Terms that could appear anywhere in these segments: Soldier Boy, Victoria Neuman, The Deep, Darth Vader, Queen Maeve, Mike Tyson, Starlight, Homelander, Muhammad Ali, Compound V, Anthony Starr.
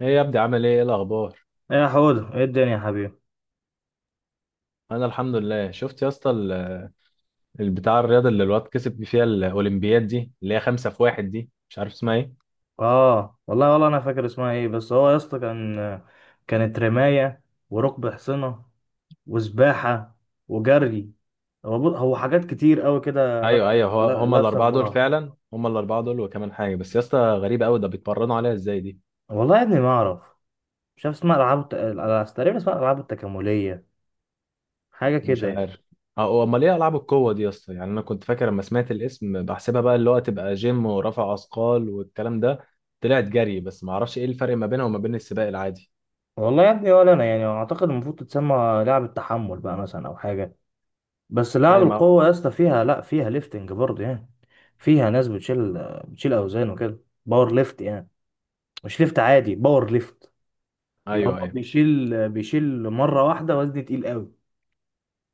ايه يا ابني، عامل ايه الاخبار؟ ايه يا حوده، ايه الدنيا يا حبيبي؟ انا الحمد لله. شفت يا اسطى البتاع الرياضه اللي الواد كسب فيها الاولمبياد دي، اللي هي خمسة في واحد دي، مش عارف اسمها ايه. اه، والله انا فاكر اسمها ايه، بس هو يا اسطى كانت رمايه، وركب حصنه، وسباحه، وجري. هو حاجات كتير قوي كده ايوه، لابسه، ايوه. هو هما لابسه في الاربعه دول بعض. فعلا، هما الاربعه دول وكمان حاجه. بس يا اسطى غريبه قوي، ده بيتمرنوا عليها ازاي دي؟ والله يا ابني ما اعرف، مش عارف اسمها. العاب تقريبا اسمها العاب التكامليه، حاجه مش كده يعني. عارف. اه، امال ايه العاب القوه دي يا اسطى؟ يعني انا كنت فاكر لما سمعت الاسم بحسبها بقى اللي هو تبقى جيم ورفع اثقال والكلام ده. طلعت جري، بس ما اعرفش ايه الفرق ما بينها وما بين السباق العادي. والله يا ابني، ولا انا يعني اعتقد المفروض تتسمى لعبه تحمل بقى مثلا، او حاجه. بس لعب ايوه، ما... القوة يا اسطى فيها، لا، فيها ليفتنج برضه يعني. فيها ناس بتشيل أوزان وكده. باور ليفت يعني، مش ليفت عادي، باور ليفت. اللي هو ايوه، ايوه، بيشيل مرة واحدة وزن تقيل قوي.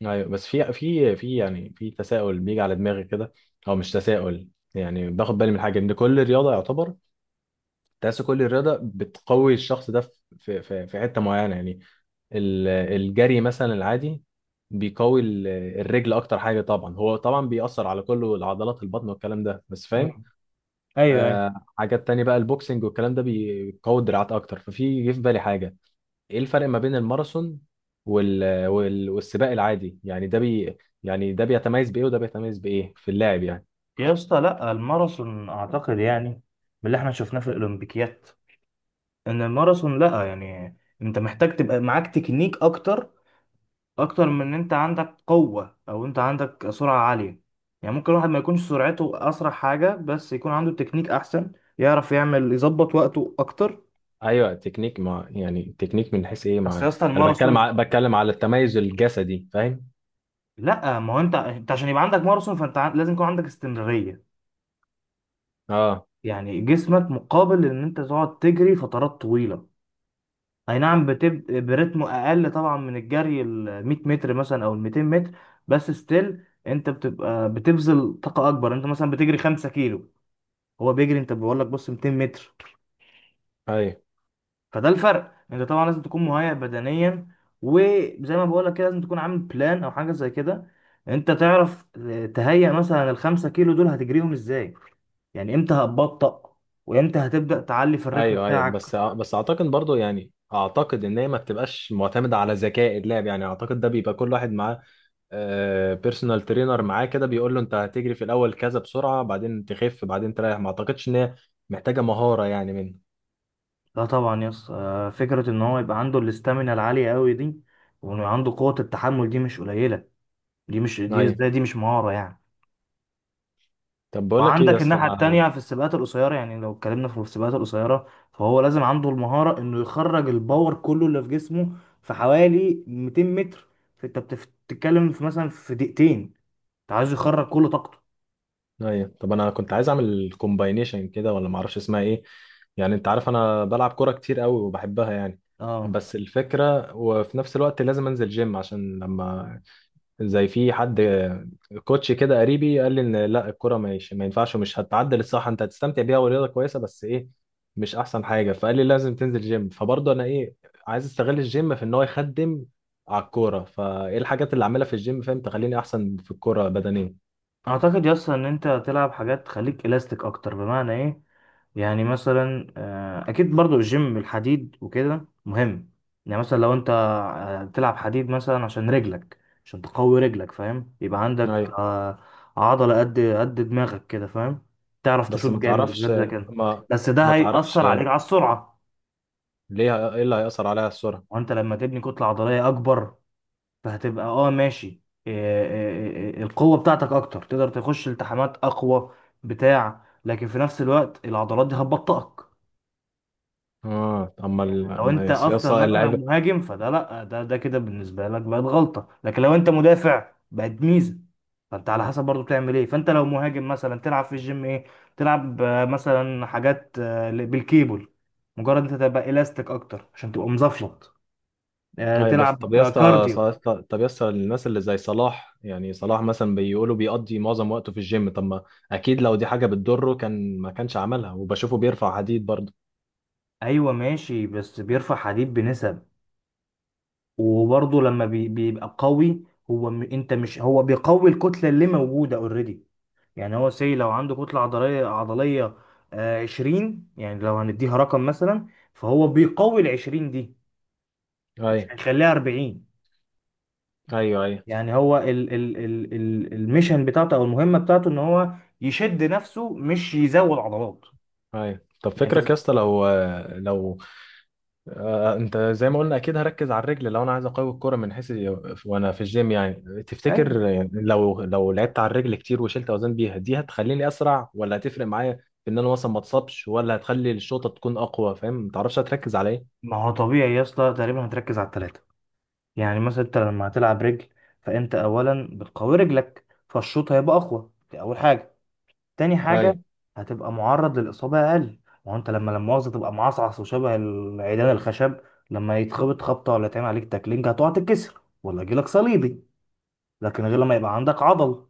ايوه. بس في في في يعني في تساؤل بيجي على دماغي كده، او مش تساؤل. يعني باخد بالي من حاجه ان كل رياضه يعتبر، تحس كل رياضه بتقوي الشخص ده في حته معينه يعني. الجري مثلا العادي بيقوي الرجل اكتر حاجه طبعا، هو طبعا بيأثر على كله، العضلات، البطن والكلام ده بس، فاهم. مم. أيوه، أيوه. حاجات تانية بقى، البوكسنج والكلام ده بيقوي الدراعات اكتر. ففي جه في بالي حاجه، ايه الفرق ما بين الماراثون والسباق العادي يعني؟ يعني ده بيتميز بايه وده بيتميز بايه في اللعب يعني؟ يا اسطى لا، الماراثون أعتقد يعني من اللي احنا شفناه في الأولمبيكيات، إن الماراثون لا يعني، أنت محتاج تبقى معاك تكنيك اكتر من ان انت عندك قوة، او انت عندك سرعة عالية. يعني ممكن الواحد ما يكونش سرعته اسرع حاجة، بس يكون عنده تكنيك احسن، يعرف يعمل، يظبط وقته اكتر. ايوه، تكنيك مع، يعني تكنيك من حيث ايه، اصل يا مع اسطى انا بتكلم الماراثون، بتكلم على التميز الجسدي، فاهم؟ لا، ما هو انت عشان يبقى عندك ماراثون فانت لازم يكون عندك استمرارية. اه. يعني جسمك مقابل ان انت تقعد تجري فترات طويلة. اي نعم، بتبقى برتم اقل طبعا من الجري ال 100 متر مثلا، او ال 200 متر، بس ستيل انت بتبقى بتبذل طاقة اكبر. انت مثلا بتجري 5 كيلو، هو بيجري، انت بقول لك بص، 200 متر. ايوه، فده الفرق. انت طبعا لازم تكون مهيئ بدنيا، وزي ما بقول لك كده لازم تكون عامل بلان، او حاجه زي كده. انت تعرف تهيئ مثلا ال 5 كيلو دول هتجريهم ازاي، يعني امتى هتبطأ، وامتى هتبدأ تعلي في الريتم ايوه، ايوه. بتاعك. بس اعتقد برضو، يعني اعتقد ان هي ما بتبقاش معتمده على ذكاء اللاعب. يعني اعتقد ده بيبقى كل واحد معاه بيرسونال ترينر معاه كده بيقول له انت هتجري في الاول كذا بسرعه، بعدين تخف، بعدين تريح. ما اعتقدش ان هي محتاجه مهاره يعني منه. لا طبعا يس. فكرة ان هو يبقى عنده الاستامينا العالية قوي دي، وانه عنده قوة التحمل دي مش قليلة، دي مش، دي ايوه. ازاي، دي مش مهارة يعني؟ طب بقول لك ايه يا وعندك اسطى الناحية التانية انا. في السباقات القصيرة. يعني لو اتكلمنا في السباقات القصيرة، فهو لازم عنده المهارة انه يخرج الباور كله اللي في جسمه في حوالي 200 متر. فانت بتتكلم في، مثلا، في دقيقتين، انت عايز يخرج كل طاقته. ايوه، طب انا كنت عايز اعمل كومباينيشن كده، ولا ما اعرفش اسمها ايه. يعني انت عارف انا بلعب كوره كتير قوي وبحبها يعني، اه، بس الفكره وفي نفس الوقت لازم انزل جيم عشان لما، زي في حد كوتش كده قريبي قال لي ان لا، الكوره مش، ما ينفعش، ومش هتعدل الصح، انت هتستمتع بيها ورياضه كويسه بس ايه، مش احسن حاجه. فقال لي لازم تنزل جيم. فبرضه انا ايه، عايز استغل الجيم في ان هو يخدم على الكوره. فايه الحاجات اللي اعملها في الجيم، فاهم، تخليني احسن في الكوره بدنيا؟ اعتقد يس ان انت تلعب حاجات تخليك الاستيك اكتر. بمعنى ايه؟ يعني مثلا اكيد برضو الجيم، الحديد وكده مهم. يعني مثلا لو انت تلعب حديد مثلا عشان رجلك، عشان تقوي رجلك، فاهم؟ يبقى عندك ايوه، عضلة قد قد دماغك كده، فاهم، تعرف بس تشوط ما جامد تعرفش. بجد زي كده. ما بس ده ما تعرفش هيأثر عليك على السرعة، ليه؟ ايه اللي هيأثر عليها السرعة؟ وانت لما تبني كتلة عضلية اكبر فهتبقى، اه ماشي، إيه إيه القوة بتاعتك اكتر، تقدر تخش التحامات اقوى بتاع. لكن في نفس الوقت العضلات دي هتبطئك. اه، اما ال- لو أما انت يا اصلا اسطى مثلا اللعيبه. مهاجم، فده، لا، ده كده بالنسبة لك بقت غلطة، لكن لو انت مدافع بقت ميزة. فانت على حسب برضو بتعمل ايه. فانت لو مهاجم مثلا تلعب في الجيم ايه؟ تلعب، مثلا حاجات بالكيبل، مجرد انت تبقى الاستيك اكتر عشان تبقى مزفلط. ايوه. بس طب يا تلعب اسطى كارديو. طب يا اسطى الناس اللي زي صلاح، يعني صلاح مثلا بيقولوا بيقضي معظم وقته في الجيم. طب ما اكيد لو دي حاجه بتضره كان ما كانش عملها. وبشوفه بيرفع حديد برضه. ايوه ماشي، بس بيرفع حديد بنسب، وبرضه لما بيبقى قوي. انت مش، هو بيقوي الكتله اللي موجوده اوريدي. يعني هو سي، لو عنده كتله عضليه آه 20، يعني لو هنديها رقم مثلا، فهو بيقوي ال 20 دي، مش ايوه، هيخليها 40. ايوه. ايوه، يعني هو الميشن بتاعته او المهمه بتاعته ان هو يشد نفسه، مش يزود عضلات ايوه. طب يعني. فكرك يا اسطى، لو لو انت زي ما قلنا اكيد هركز على الرجل، لو انا عايز اقوي الكرة من حيث، وانا في الجيم يعني، أيوة. تفتكر، يعني لو لعبت على الرجل كتير وشلت اوزان بيها، دي هتخليني اسرع ولا هتفرق معايا في ان انا مثلا ما اتصابش، ولا هتخلي الشوطة تكون اقوى؟ فاهم، ما تعرفش، هتركز على ايه؟ ما هو طبيعي يا اسطى، تقريبا هتركز على الثلاثه. يعني مثلا انت لما هتلعب رجل، فانت اولا بتقوي رجلك، فالشوط هيبقى اقوى، دي اول حاجه. تاني حاجه، ايوه، هتبقى معرض للاصابه اقل. ما هو انت لما مؤاخذه تبقى معصعص وشبه العيدان الخشب، لما يتخبط خبطه، ولا يتعمل عليك تاكلينج، هتقع تتكسر، ولا يجيلك صليبي. لكن غير لما يبقى عندك عضل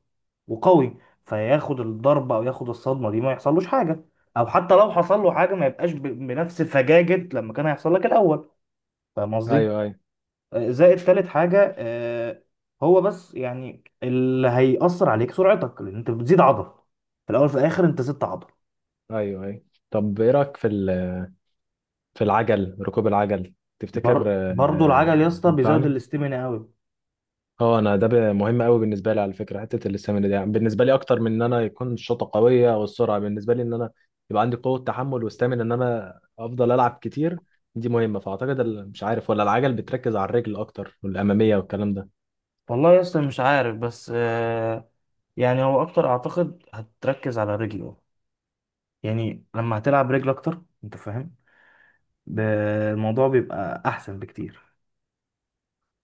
وقوي، فياخد الضربه او ياخد الصدمه دي ما يحصلوش حاجه. او حتى لو حصل له حاجه ما يبقاش بنفس فجاجه لما كان هيحصل لك الاول. فاهم قصدي؟ ايوه. ايوه، زائد تالت حاجة، هو بس يعني اللي هيأثر عليك سرعتك، لأن أنت بتزيد عضل. في الأول في الآخر أنت زدت عضل. ايوه، ايوه. طب ايه رايك في في العجل، ركوب العجل، تفتكر برضو العجل يا اسطى بيزود ينفعني؟ الاستمنة أوي. اه، انا ده مهم قوي بالنسبه لي على فكره، حته الاستامينا دي، يعني بالنسبه لي اكتر من ان انا يكون الشوطه قويه او السرعه، بالنسبه لي ان انا يبقى عندي قوه تحمل واستامينا ان انا افضل العب كتير، دي مهمه. فاعتقد مش عارف، ولا العجل بتركز على الرجل اكتر والاماميه والكلام ده. والله يا اسطى مش عارف، بس يعني هو أكتر أعتقد هتركز على رجله. يعني لما هتلعب رجل أكتر أنت فاهم، ب- الموضوع بيبقى أحسن بكتير.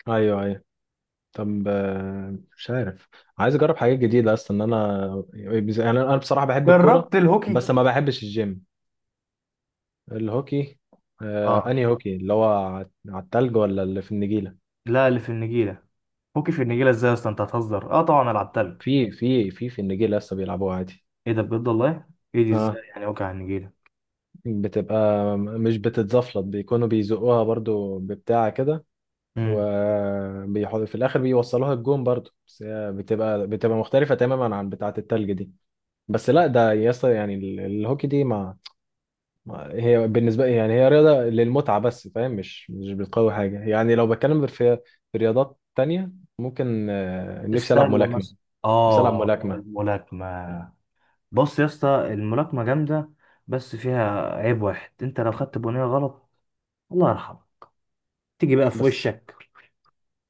ايوه، ايوه. طب مش عارف، عايز اجرب حاجات جديده اصلا. ان انا يعني انا بصراحه بحب الكوره، جربت الهوكي؟ بس ما بحبش الجيم. الهوكي؟ اه. انهي هوكي، اللي هو على على التلج ولا اللي في النجيله؟ لا، اللي في النجيلة. هوكي في النجيلة ازاي يا اسطى، انت هتهزر؟ اه طبعا أنا لعبتها. في النجيله لسه بيلعبوها عادي. ايه ده، بجد والله؟ ايه دي ازاي اه، يعني، وجع النجيله. بتبقى، مش بتتزفلط، بيكونوا بيزقوها برضو ببتاع كده، امم. وبيحط في الاخر بيوصلوها الجون برضو، بس هي بتبقى، بتبقى مختلفة تماما عن بتاعة التلج دي. بس لا ده يسطا، يعني الهوكي دي هي بالنسبة لي، يعني هي رياضة للمتعة بس، فاهم؟ مش بتقوي حاجة. يعني لو بتكلم في في رياضات تانية، ممكن نفسي ألعب السله ملاكمة. مثلا. نفسي ألعب اه، ملاكمة. الملاكمه. بص يا اسطى، الملاكمه جامده، بس فيها عيب واحد، انت لو خدت بنيه غلط، الله يرحمه، تيجي بقى في بس وشك،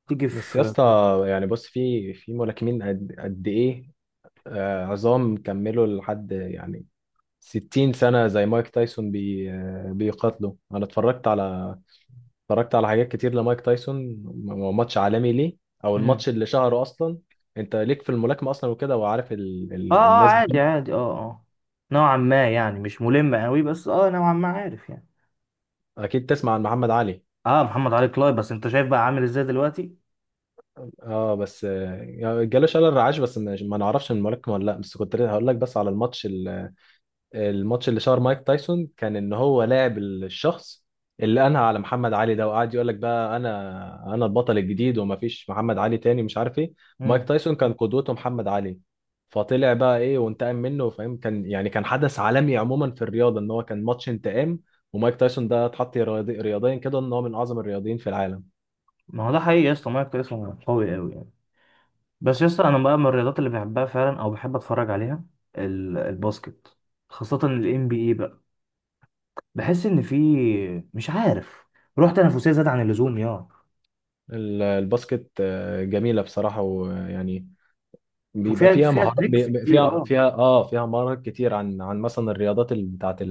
تيجي يا في. اسطى، يعني بص، في ملاكمين قد قد ايه، عظام، كملوا لحد يعني 60 سنة زي مايك تايسون، بي آه، بيقاتلوا. أنا اتفرجت على، اتفرجت على حاجات كتير لمايك تايسون، ماتش عالمي ليه، أو امم. الماتش اللي شهره أصلا. أنت ليك في الملاكمة أصلا وكده، وعارف ال... اه ال... اه، الناس عادي بتاعته. عادي، اه اه. نوعا ما يعني، مش ملم قوي، بس اه، نوعا ما عارف يعني. أكيد تسمع عن محمد علي. اه، محمد علي كلاي، بس انت شايف بقى عامل ازاي دلوقتي. أه، بس جاله شلل رعاش، بس ما نعرفش من الملاكمة ولا لأ. بس كنت هقول لك، بس على الماتش، الماتش اللي شهر مايك تايسون كان ان هو لاعب الشخص اللي انهى على محمد علي ده، وقعد يقول لك بقى انا البطل الجديد ومفيش محمد علي تاني، مش عارف ايه. امم. مايك تايسون كان قدوته محمد علي، فطلع بقى ايه وانتقم منه، فاهم؟ كان يعني كان حدث عالمي عموما في الرياضه، ان هو كان ماتش انتقام. ومايك تايسون ده اتحط رياضيا كده ان هو من اعظم الرياضيين في العالم. ما هو ده حقيقي يا اسطى، مايكل اسمه قوي قوي يعني. بس يا اسطى انا بقى من الرياضات اللي بحبها فعلا، او بحب اتفرج عليها، الباسكت، خاصة ال NBA بقى. بحس ان في، مش عارف، روح تنافسية زاد عن اللزوم يا. الباسكت جميله بصراحه، ويعني بيبقى وفيها فيها فيها مهارات، تريكس بيبقى كتير، فيها اه. فيها اه فيها مهارات كتير عن مثلا الرياضات اللي بتاعت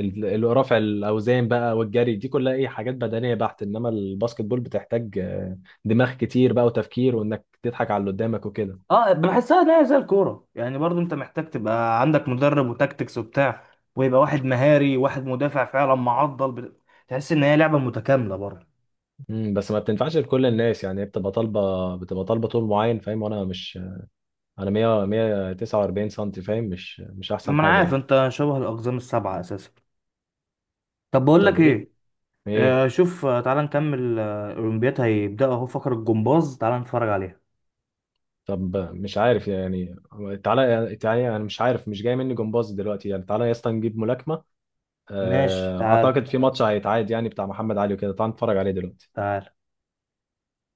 رفع الاوزان بقى والجري، دي كلها ايه، حاجات بدنيه بحت. انما الباسكت بول بتحتاج دماغ كتير بقى وتفكير، وانك تضحك على اللي قدامك وكده. اه بحسها ان هي زي الكورة يعني، برضو انت محتاج تبقى عندك مدرب، وتكتكس وبتاع، ويبقى واحد مهاري، وواحد مدافع، فعلا معضل تحس ان هي لعبة متكاملة برضه. بس ما بتنفعش لكل الناس، يعني هي بتبقى طالبه، طول معين، فاهم؟ وانا مش، انا 100 149 سم، فاهم، مش مش احسن ما انا حاجه عارف يعني. انت شبه الاقزام السبعة اساسا. طب بقول طب لك ايه ايه، ايه شوف، تعال نكمل، الأولمبياد هيبدأ أهو، فقرة الجمباز، تعال نتفرج عليها. طب مش عارف يعني. تعالى تعالى، انا مش عارف، مش جاي مني جمباز دلوقتي يعني، تعالى يا اسطى نجيب ملاكمه. ماشي، تعال اعتقد في ماتش هيتعاد يعني بتاع محمد علي وكده، تعالى نتفرج عليه دلوقتي. تعال.